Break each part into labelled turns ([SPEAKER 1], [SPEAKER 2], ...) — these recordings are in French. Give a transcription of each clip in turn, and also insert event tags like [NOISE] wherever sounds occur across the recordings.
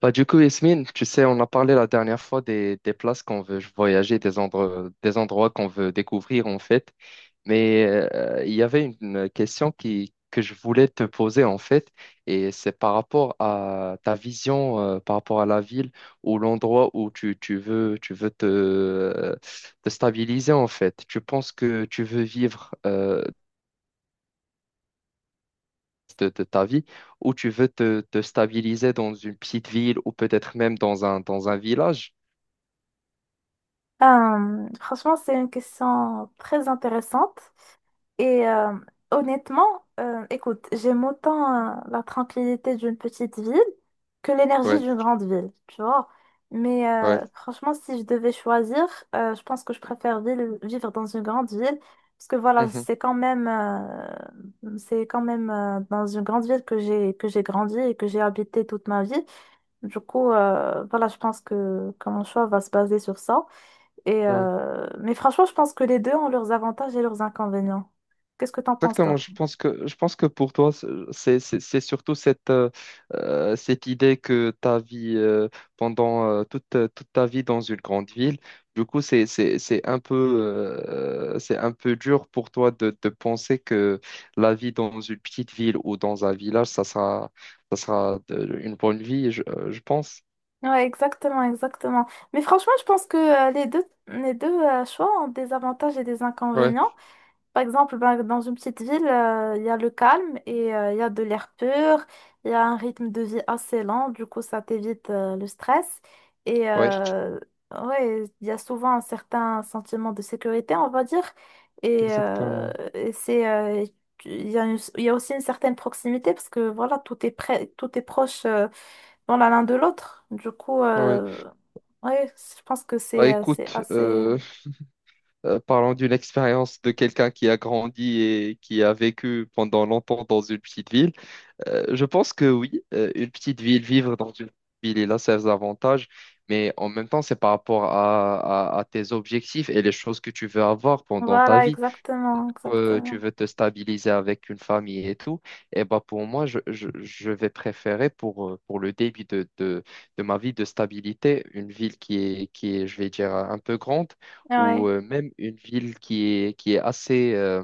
[SPEAKER 1] Bah, du coup, Yasmine, tu sais, on a parlé la dernière fois des places qu'on veut voyager, des endroits qu'on veut découvrir en fait. Mais il y avait une question que je voulais te poser en fait, et c'est par rapport à ta vision, par rapport à la ville ou l'endroit où tu veux te stabiliser en fait. Tu penses que tu veux vivre de ta vie ou tu veux te stabiliser dans une petite ville ou peut-être même dans dans un village?
[SPEAKER 2] Franchement, c'est une question très intéressante. Et euh, Honnêtement, écoute, j'aime autant la tranquillité d'une petite ville que l'énergie
[SPEAKER 1] Ouais,
[SPEAKER 2] d'une grande ville, tu vois. Mais
[SPEAKER 1] ouais.
[SPEAKER 2] franchement, si je devais choisir, je pense que je préfère vivre dans une grande ville. Parce que voilà,
[SPEAKER 1] Mhm,
[SPEAKER 2] c'est quand même dans une grande ville que j'ai grandi et que j'ai habité toute ma vie. Du coup, voilà, je pense que mon choix va se baser sur ça.
[SPEAKER 1] ouais.
[SPEAKER 2] Mais franchement, je pense que les deux ont leurs avantages et leurs inconvénients. Qu'est-ce que t'en penses,
[SPEAKER 1] Exactement.
[SPEAKER 2] toi?
[SPEAKER 1] Je pense que pour toi, c'est, surtout cette, cette idée que ta vie, pendant toute ta vie dans une grande ville, du coup, c'est un peu dur pour toi de penser que la vie dans une petite ville ou dans un village, une bonne vie, je pense.
[SPEAKER 2] Ouais, exactement, exactement. Mais franchement, je pense que les deux choix ont des avantages et des
[SPEAKER 1] Ouais,
[SPEAKER 2] inconvénients. Par exemple, ben, dans une petite ville, il y a le calme et il y a de l'air pur, il y a un rythme de vie assez lent, du coup ça t'évite le stress. Et
[SPEAKER 1] ouais,
[SPEAKER 2] euh, ouais, il y a souvent un certain sentiment de sécurité, on va dire. Et, euh,
[SPEAKER 1] exactement.
[SPEAKER 2] et c'est, euh, il y a aussi une certaine proximité parce que voilà, tout est près, tout est proche dans la l'un de l'autre. Du coup,
[SPEAKER 1] Ouais.
[SPEAKER 2] ouais, je pense que
[SPEAKER 1] Bah
[SPEAKER 2] c'est
[SPEAKER 1] écoute,
[SPEAKER 2] assez.
[SPEAKER 1] parlons d'une expérience de quelqu'un qui a grandi et qui a vécu pendant longtemps dans une petite ville. Je pense que oui, une petite ville, vivre dans une petite ville, il a ses avantages, mais en même temps, c'est par rapport à, à tes objectifs et les choses que tu veux avoir pendant ta
[SPEAKER 2] Voilà,
[SPEAKER 1] vie
[SPEAKER 2] exactement,
[SPEAKER 1] tu
[SPEAKER 2] exactement.
[SPEAKER 1] veux te stabiliser avec une famille et tout, et bah pour moi, je vais préférer pour, pour le début de ma vie de stabilité, une ville qui est, je vais dire, un peu grande, ou
[SPEAKER 2] Ouais.
[SPEAKER 1] même une ville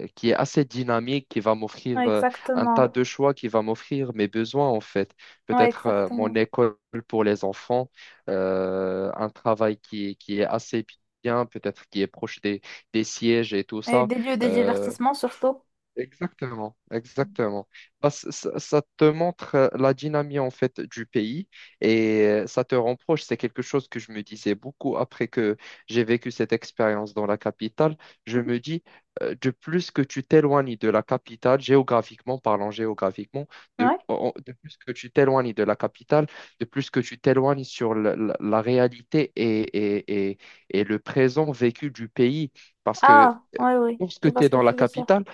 [SPEAKER 1] qui est assez dynamique, qui va
[SPEAKER 2] Ouais,
[SPEAKER 1] m'offrir un tas
[SPEAKER 2] exactement.
[SPEAKER 1] de choix, qui va m'offrir mes besoins en fait.
[SPEAKER 2] Ouais,
[SPEAKER 1] Peut-être mon
[SPEAKER 2] exactement.
[SPEAKER 1] école pour les enfants, un travail qui est assez bien, peut-être qui est proche des sièges et tout
[SPEAKER 2] Et
[SPEAKER 1] ça.
[SPEAKER 2] des lieux de
[SPEAKER 1] Euh,
[SPEAKER 2] divertissement surtout.
[SPEAKER 1] Exactement, exactement. Bah, ça te montre la dynamique en fait du pays et ça te rend proche. C'est quelque chose que je me disais beaucoup après que j'ai vécu cette expérience dans la capitale. Je
[SPEAKER 2] Mhm.
[SPEAKER 1] me dis, de plus que tu t'éloignes de la capitale, géographiquement parlant, géographiquement,
[SPEAKER 2] Ouais.
[SPEAKER 1] de plus que tu t'éloignes de la capitale, de plus que tu t'éloignes sur la, la réalité et, et, et le présent vécu du pays. Parce que
[SPEAKER 2] Ah,
[SPEAKER 1] euh,
[SPEAKER 2] ouais, oui. Je
[SPEAKER 1] lorsque
[SPEAKER 2] vois
[SPEAKER 1] tu es
[SPEAKER 2] ce que
[SPEAKER 1] dans
[SPEAKER 2] tu
[SPEAKER 1] la
[SPEAKER 2] veux dire.
[SPEAKER 1] capitale,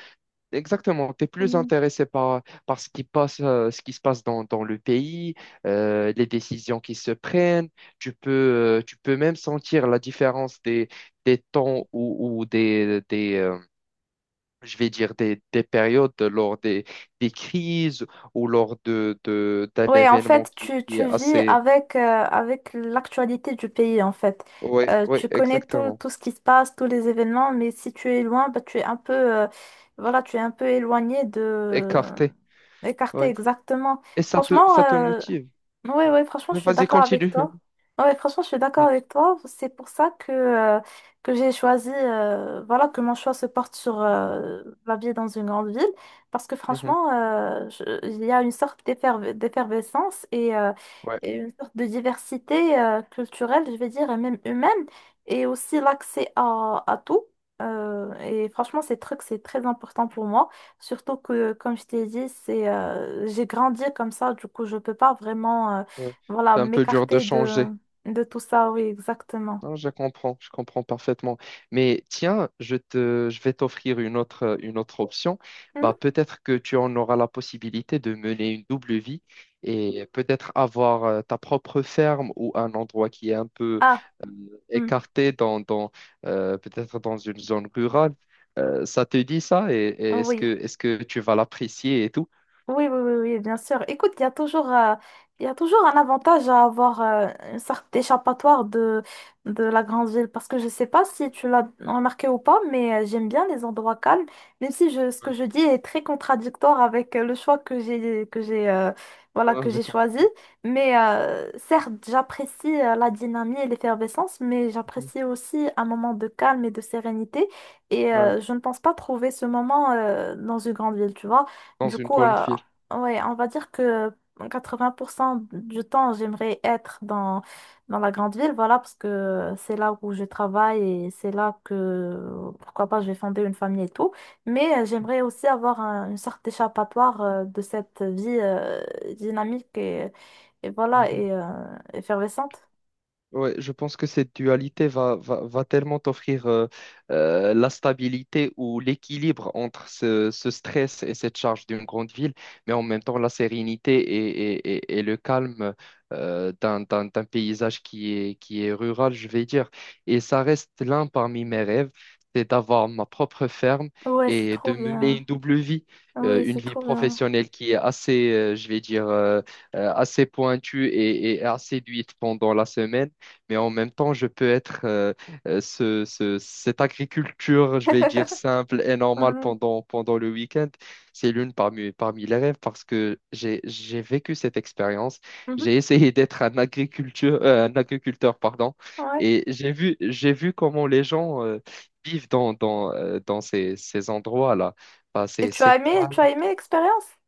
[SPEAKER 1] exactement, tu es plus
[SPEAKER 2] Mhm.
[SPEAKER 1] intéressé par, par ce qui passe, ce qui se passe dans, dans le pays, les décisions qui se prennent. Tu peux même sentir la différence des temps ou, je vais dire, des périodes lors des crises ou lors d'un
[SPEAKER 2] Oui, en
[SPEAKER 1] événement
[SPEAKER 2] fait,
[SPEAKER 1] qui,
[SPEAKER 2] tu,
[SPEAKER 1] qui est
[SPEAKER 2] tu vis
[SPEAKER 1] assez...
[SPEAKER 2] avec l'actualité du pays, en fait.
[SPEAKER 1] Oui, oui,
[SPEAKER 2] Tu connais tout,
[SPEAKER 1] exactement.
[SPEAKER 2] tout ce qui se passe, tous les événements, mais si tu es loin, bah, tu es un peu, voilà, tu es un peu éloigné de.
[SPEAKER 1] Écarté,
[SPEAKER 2] Écarté,
[SPEAKER 1] oui.
[SPEAKER 2] exactement.
[SPEAKER 1] Et ça te,
[SPEAKER 2] Franchement,
[SPEAKER 1] ça te motive.
[SPEAKER 2] oui, oui, franchement, je
[SPEAKER 1] Oui,
[SPEAKER 2] suis
[SPEAKER 1] vas-y,
[SPEAKER 2] d'accord avec
[SPEAKER 1] continue.
[SPEAKER 2] toi.
[SPEAKER 1] [LAUGHS]
[SPEAKER 2] Ouais, franchement, je suis d'accord
[SPEAKER 1] Mhm,
[SPEAKER 2] avec toi. C'est pour ça que j'ai choisi, voilà, que mon choix se porte sur la vie dans une grande ville. Parce que
[SPEAKER 1] mhm.
[SPEAKER 2] franchement, il y a une sorte d'effervescence et, euh,
[SPEAKER 1] Ouais,
[SPEAKER 2] et une sorte de diversité culturelle, je vais dire, et même humaine, et aussi l'accès à tout. Et franchement, ces trucs, c'est très important pour moi. Surtout que, comme je t'ai dit, j'ai grandi comme ça, du coup, je peux pas vraiment,
[SPEAKER 1] ouais.
[SPEAKER 2] voilà,
[SPEAKER 1] C'est un peu dur de
[SPEAKER 2] m'écarter
[SPEAKER 1] changer.
[SPEAKER 2] de tout ça. Oui, exactement.
[SPEAKER 1] Non, je comprends parfaitement. Mais tiens, je vais t'offrir une autre option.
[SPEAKER 2] Hmm.
[SPEAKER 1] Bah, peut-être que tu en auras la possibilité de mener une double vie et peut-être avoir ta propre ferme ou un endroit qui est un peu
[SPEAKER 2] Ah,
[SPEAKER 1] euh,
[SPEAKER 2] hmm,
[SPEAKER 1] écarté dans, peut-être dans une zone rurale. Ça te dit ça et est-ce que,
[SPEAKER 2] oui.
[SPEAKER 1] est-ce que tu vas l'apprécier et tout?
[SPEAKER 2] Oui, oui, oui, oui, bien sûr. Écoute, il y a toujours, il y a toujours un avantage à avoir une sorte d'échappatoire de la grande ville. Parce que je sais pas si tu l'as remarqué ou pas, mais j'aime bien les endroits calmes, même si ce que
[SPEAKER 1] Ouais.
[SPEAKER 2] je dis est très contradictoire avec le choix
[SPEAKER 1] Ah
[SPEAKER 2] voilà, que
[SPEAKER 1] non, je
[SPEAKER 2] j'ai
[SPEAKER 1] comprends.
[SPEAKER 2] choisi. Mais certes, j'apprécie la dynamique et l'effervescence, mais j'apprécie aussi un moment de calme et de sérénité.
[SPEAKER 1] Ouais,
[SPEAKER 2] Je ne pense pas trouver ce moment dans une grande ville, tu vois.
[SPEAKER 1] dans
[SPEAKER 2] Du
[SPEAKER 1] une
[SPEAKER 2] coup,
[SPEAKER 1] grande ville.
[SPEAKER 2] ouais, on va dire que 80% du temps, j'aimerais être dans la grande ville, voilà, parce que c'est là où je travaille et c'est là que, pourquoi pas, je vais fonder une famille et tout. Mais j'aimerais aussi avoir une sorte d'échappatoire de cette vie dynamique et voilà, effervescente.
[SPEAKER 1] Ouais, je pense que cette dualité va tellement t'offrir la stabilité ou l'équilibre entre ce stress et cette charge d'une grande ville, mais en même temps la sérénité et le calme d'un paysage qui est rural, je vais dire. Et ça reste l'un parmi mes rêves, c'est d'avoir ma propre ferme
[SPEAKER 2] Ouais, c'est
[SPEAKER 1] et de
[SPEAKER 2] trop
[SPEAKER 1] mener une
[SPEAKER 2] bien.
[SPEAKER 1] double vie. euh,
[SPEAKER 2] Oui,
[SPEAKER 1] une
[SPEAKER 2] c'est
[SPEAKER 1] vie
[SPEAKER 2] trop bien.
[SPEAKER 1] professionnelle qui est assez, je vais dire, assez pointue et assez duite pendant la semaine mais en même temps, je peux être cette agriculture, je vais dire
[SPEAKER 2] [LAUGHS]
[SPEAKER 1] simple et normale
[SPEAKER 2] Ouais.
[SPEAKER 1] pendant le week-end. C'est l'une parmi, parmi les rêves parce que j'ai vécu cette expérience.
[SPEAKER 2] Mhm.
[SPEAKER 1] J'ai essayé [LAUGHS] d'être un agriculteur, un agriculteur, pardon,
[SPEAKER 2] Ouais.
[SPEAKER 1] et j'ai vu comment les gens vivent dans, dans ces endroits-là. Bah,
[SPEAKER 2] Et
[SPEAKER 1] c'est c'est calme,
[SPEAKER 2] tu as aimé l'expérience?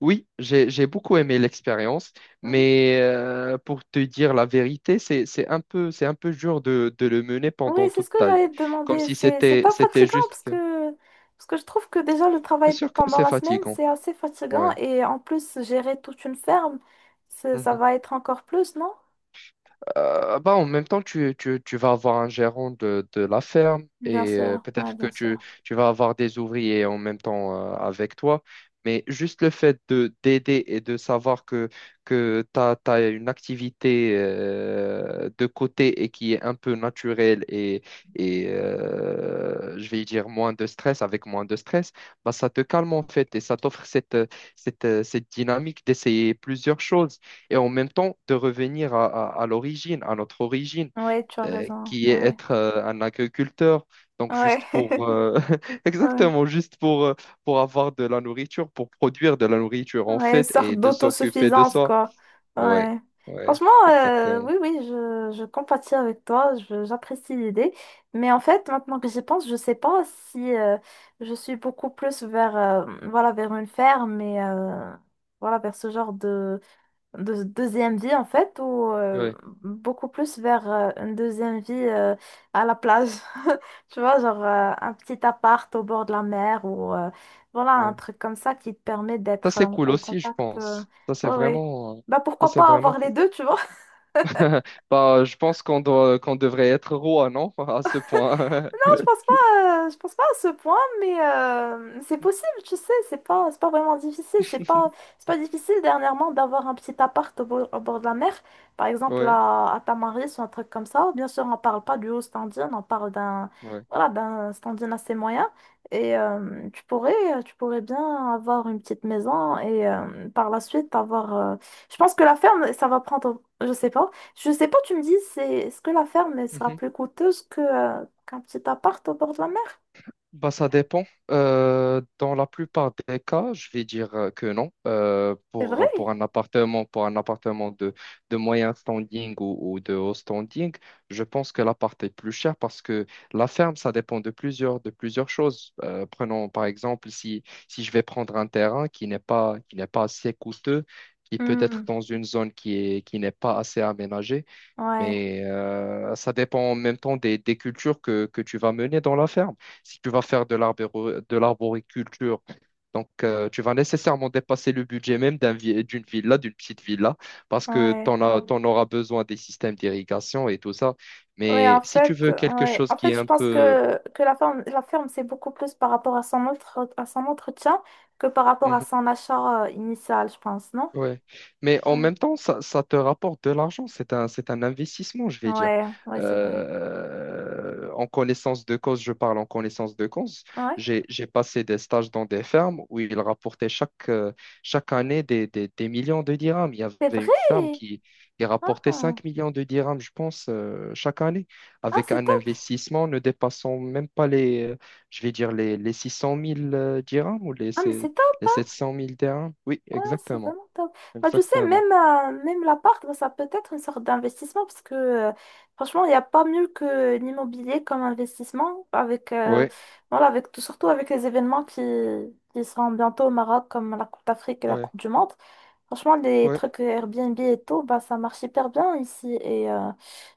[SPEAKER 1] oui, j'ai beaucoup aimé l'expérience, mais pour te dire la vérité, c'est un peu dur de le mener
[SPEAKER 2] Oui,
[SPEAKER 1] pendant
[SPEAKER 2] c'est ce
[SPEAKER 1] toute
[SPEAKER 2] que
[SPEAKER 1] ta
[SPEAKER 2] j'allais
[SPEAKER 1] vie,
[SPEAKER 2] te
[SPEAKER 1] comme
[SPEAKER 2] demander.
[SPEAKER 1] si
[SPEAKER 2] C'est
[SPEAKER 1] c'était
[SPEAKER 2] pas
[SPEAKER 1] c'était
[SPEAKER 2] fatigant
[SPEAKER 1] juste.
[SPEAKER 2] parce
[SPEAKER 1] Bien
[SPEAKER 2] que, parce que je trouve que déjà le travail
[SPEAKER 1] sûr que
[SPEAKER 2] pendant
[SPEAKER 1] c'est
[SPEAKER 2] la semaine,
[SPEAKER 1] fatigant.
[SPEAKER 2] c'est assez fatigant
[SPEAKER 1] Ouais.
[SPEAKER 2] et en plus, gérer toute une ferme, ça va être encore plus, non?
[SPEAKER 1] Bah, en même temps, tu vas avoir un gérant de la ferme
[SPEAKER 2] Bien
[SPEAKER 1] et
[SPEAKER 2] sûr, ouais,
[SPEAKER 1] peut-être que
[SPEAKER 2] bien
[SPEAKER 1] tu,
[SPEAKER 2] sûr.
[SPEAKER 1] tu vas avoir des ouvriers en même temps avec toi. Mais juste le fait de d'aider et de savoir que tu as, une activité de côté et qui est un peu naturelle et je vais dire moins de stress, avec moins de stress, bah, ça te calme en fait et ça t'offre cette dynamique d'essayer plusieurs choses et en même temps de revenir à, à l'origine, à notre origine,
[SPEAKER 2] Oui, tu as raison.
[SPEAKER 1] qui est
[SPEAKER 2] Ouais.
[SPEAKER 1] être un agriculteur. Donc
[SPEAKER 2] Ouais.
[SPEAKER 1] juste pour
[SPEAKER 2] [LAUGHS]
[SPEAKER 1] [LAUGHS]
[SPEAKER 2] Ouais.
[SPEAKER 1] exactement juste pour avoir de la nourriture, pour produire de la nourriture en
[SPEAKER 2] Ouais, une
[SPEAKER 1] fait
[SPEAKER 2] sorte
[SPEAKER 1] et de s'occuper de
[SPEAKER 2] d'autosuffisance,
[SPEAKER 1] ça.
[SPEAKER 2] quoi.
[SPEAKER 1] Ouais,
[SPEAKER 2] Ouais.
[SPEAKER 1] ouais,
[SPEAKER 2] Franchement,
[SPEAKER 1] exactement.
[SPEAKER 2] oui, oui, je compatis avec toi, j'apprécie l'idée. Mais en fait, maintenant que j'y pense, je sais pas si je suis beaucoup plus voilà, vers une ferme mais voilà, vers ce genre de deuxième vie en fait ou
[SPEAKER 1] Ouais,
[SPEAKER 2] beaucoup plus vers une deuxième vie à la plage. [LAUGHS] Tu vois, genre un petit appart au bord de la mer ou voilà, un
[SPEAKER 1] ouais.
[SPEAKER 2] truc comme ça qui te permet
[SPEAKER 1] Ça
[SPEAKER 2] d'être
[SPEAKER 1] c'est cool
[SPEAKER 2] en
[SPEAKER 1] aussi, je
[SPEAKER 2] contact. Oui,
[SPEAKER 1] pense. Ça c'est
[SPEAKER 2] ouais, ouais,
[SPEAKER 1] vraiment euh,
[SPEAKER 2] bah
[SPEAKER 1] ça
[SPEAKER 2] pourquoi
[SPEAKER 1] c'est
[SPEAKER 2] pas
[SPEAKER 1] vraiment
[SPEAKER 2] avoir les deux, tu vois.
[SPEAKER 1] [LAUGHS] bah je pense qu'on devrait être roi, non? [LAUGHS] À ce point.
[SPEAKER 2] Non, je pense pas à ce point, mais c'est possible, tu sais, c'est pas vraiment difficile, c'est pas difficile dernièrement d'avoir un petit appart au bord de la mer, par
[SPEAKER 1] [LAUGHS]
[SPEAKER 2] exemple
[SPEAKER 1] Ouais,
[SPEAKER 2] à Tamaris ou un truc comme ça. Bien sûr, on parle pas du haut standing, on parle
[SPEAKER 1] ouais.
[SPEAKER 2] voilà, d'un standing assez moyen, et tu pourrais bien avoir une petite maison et par la suite avoir, je pense que la ferme, ça va prendre, je sais pas. Je sais pas, tu me dis, c'est est-ce que la ferme elle sera plus coûteuse que qu'un petit appart au bord de la mer?
[SPEAKER 1] Bah, ça dépend. Dans la plupart des cas, je vais dire que non. Euh,
[SPEAKER 2] C'est
[SPEAKER 1] pour, pour
[SPEAKER 2] vrai?
[SPEAKER 1] un appartement, pour un appartement de moyen standing ou de haut standing, je pense que l'appart est plus cher parce que la ferme, ça dépend de plusieurs choses. Prenons par exemple, si je vais prendre un terrain qui n'est pas assez coûteux, qui peut être
[SPEAKER 2] Hmm,
[SPEAKER 1] dans une zone qui est, qui n'est pas assez aménagée.
[SPEAKER 2] ouais,
[SPEAKER 1] Mais ça dépend en même temps des cultures que tu vas mener dans la ferme. Si tu vas faire de l'arboriculture, donc tu vas nécessairement dépasser le budget même d'une petite villa, parce que tu
[SPEAKER 2] ouais.
[SPEAKER 1] en as, t'en auras besoin des systèmes d'irrigation et tout ça. Mais si tu veux quelque
[SPEAKER 2] Ouais.
[SPEAKER 1] chose
[SPEAKER 2] En
[SPEAKER 1] qui est
[SPEAKER 2] fait, je
[SPEAKER 1] un
[SPEAKER 2] pense
[SPEAKER 1] peu...
[SPEAKER 2] que la ferme, c'est beaucoup plus par rapport à son à son entretien que par rapport à
[SPEAKER 1] Hmm.
[SPEAKER 2] son achat initial, je pense, non?
[SPEAKER 1] Ouais, mais en
[SPEAKER 2] Ouais,
[SPEAKER 1] même temps, ça te rapporte de l'argent. C'est un investissement, je vais dire.
[SPEAKER 2] ouais, ouais, c'est vrai.
[SPEAKER 1] En connaissance de cause, je parle en connaissance de cause.
[SPEAKER 2] Ouais,
[SPEAKER 1] J'ai passé des stages dans des fermes où ils rapportaient chaque année des millions de dirhams. Il y
[SPEAKER 2] c'est
[SPEAKER 1] avait une ferme
[SPEAKER 2] vrai.
[SPEAKER 1] qui rapportait
[SPEAKER 2] Ah,
[SPEAKER 1] 5 millions de dirhams, je pense, chaque année,
[SPEAKER 2] ah
[SPEAKER 1] avec
[SPEAKER 2] c'est
[SPEAKER 1] un
[SPEAKER 2] top.
[SPEAKER 1] investissement ne dépassant même pas les, je vais dire, les 600 000 dirhams ou
[SPEAKER 2] Ah, mais c'est top.
[SPEAKER 1] les 700 000 dirhams. Oui,
[SPEAKER 2] Ouais, c'est
[SPEAKER 1] exactement.
[SPEAKER 2] vraiment top. Bah, tu sais,
[SPEAKER 1] Exactement.
[SPEAKER 2] même l'appart, bah, ça peut être une sorte d'investissement parce que franchement, il n'y a pas mieux que l'immobilier comme investissement
[SPEAKER 1] Ouais,
[SPEAKER 2] voilà, avec tout, surtout avec les événements qui seront bientôt au Maroc comme la Coupe d'Afrique et la
[SPEAKER 1] ouais,
[SPEAKER 2] Coupe du Monde. Franchement, les
[SPEAKER 1] ouais.
[SPEAKER 2] trucs Airbnb et tout, bah, ça marche hyper bien ici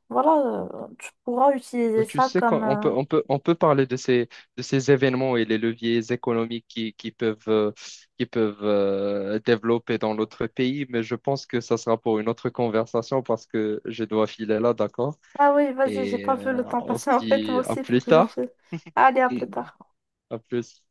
[SPEAKER 2] voilà, tu pourras utiliser
[SPEAKER 1] Bah, tu
[SPEAKER 2] ça
[SPEAKER 1] sais qu'on
[SPEAKER 2] comme...
[SPEAKER 1] on peut,
[SPEAKER 2] euh,
[SPEAKER 1] on peut, on peut parler de ces événements et les leviers économiques qui peuvent développer dans l'autre pays, mais je pense que ça sera pour une autre conversation parce que je dois filer là, d'accord?
[SPEAKER 2] Ah oui, vas-y, j'ai
[SPEAKER 1] Et
[SPEAKER 2] pas vu le temps
[SPEAKER 1] on se
[SPEAKER 2] passer [LAUGHS] en fait, moi
[SPEAKER 1] dit à
[SPEAKER 2] aussi, il faut
[SPEAKER 1] plus
[SPEAKER 2] que je
[SPEAKER 1] tard.
[SPEAKER 2] file. Allez, à plus tard.
[SPEAKER 1] [LAUGHS] À plus.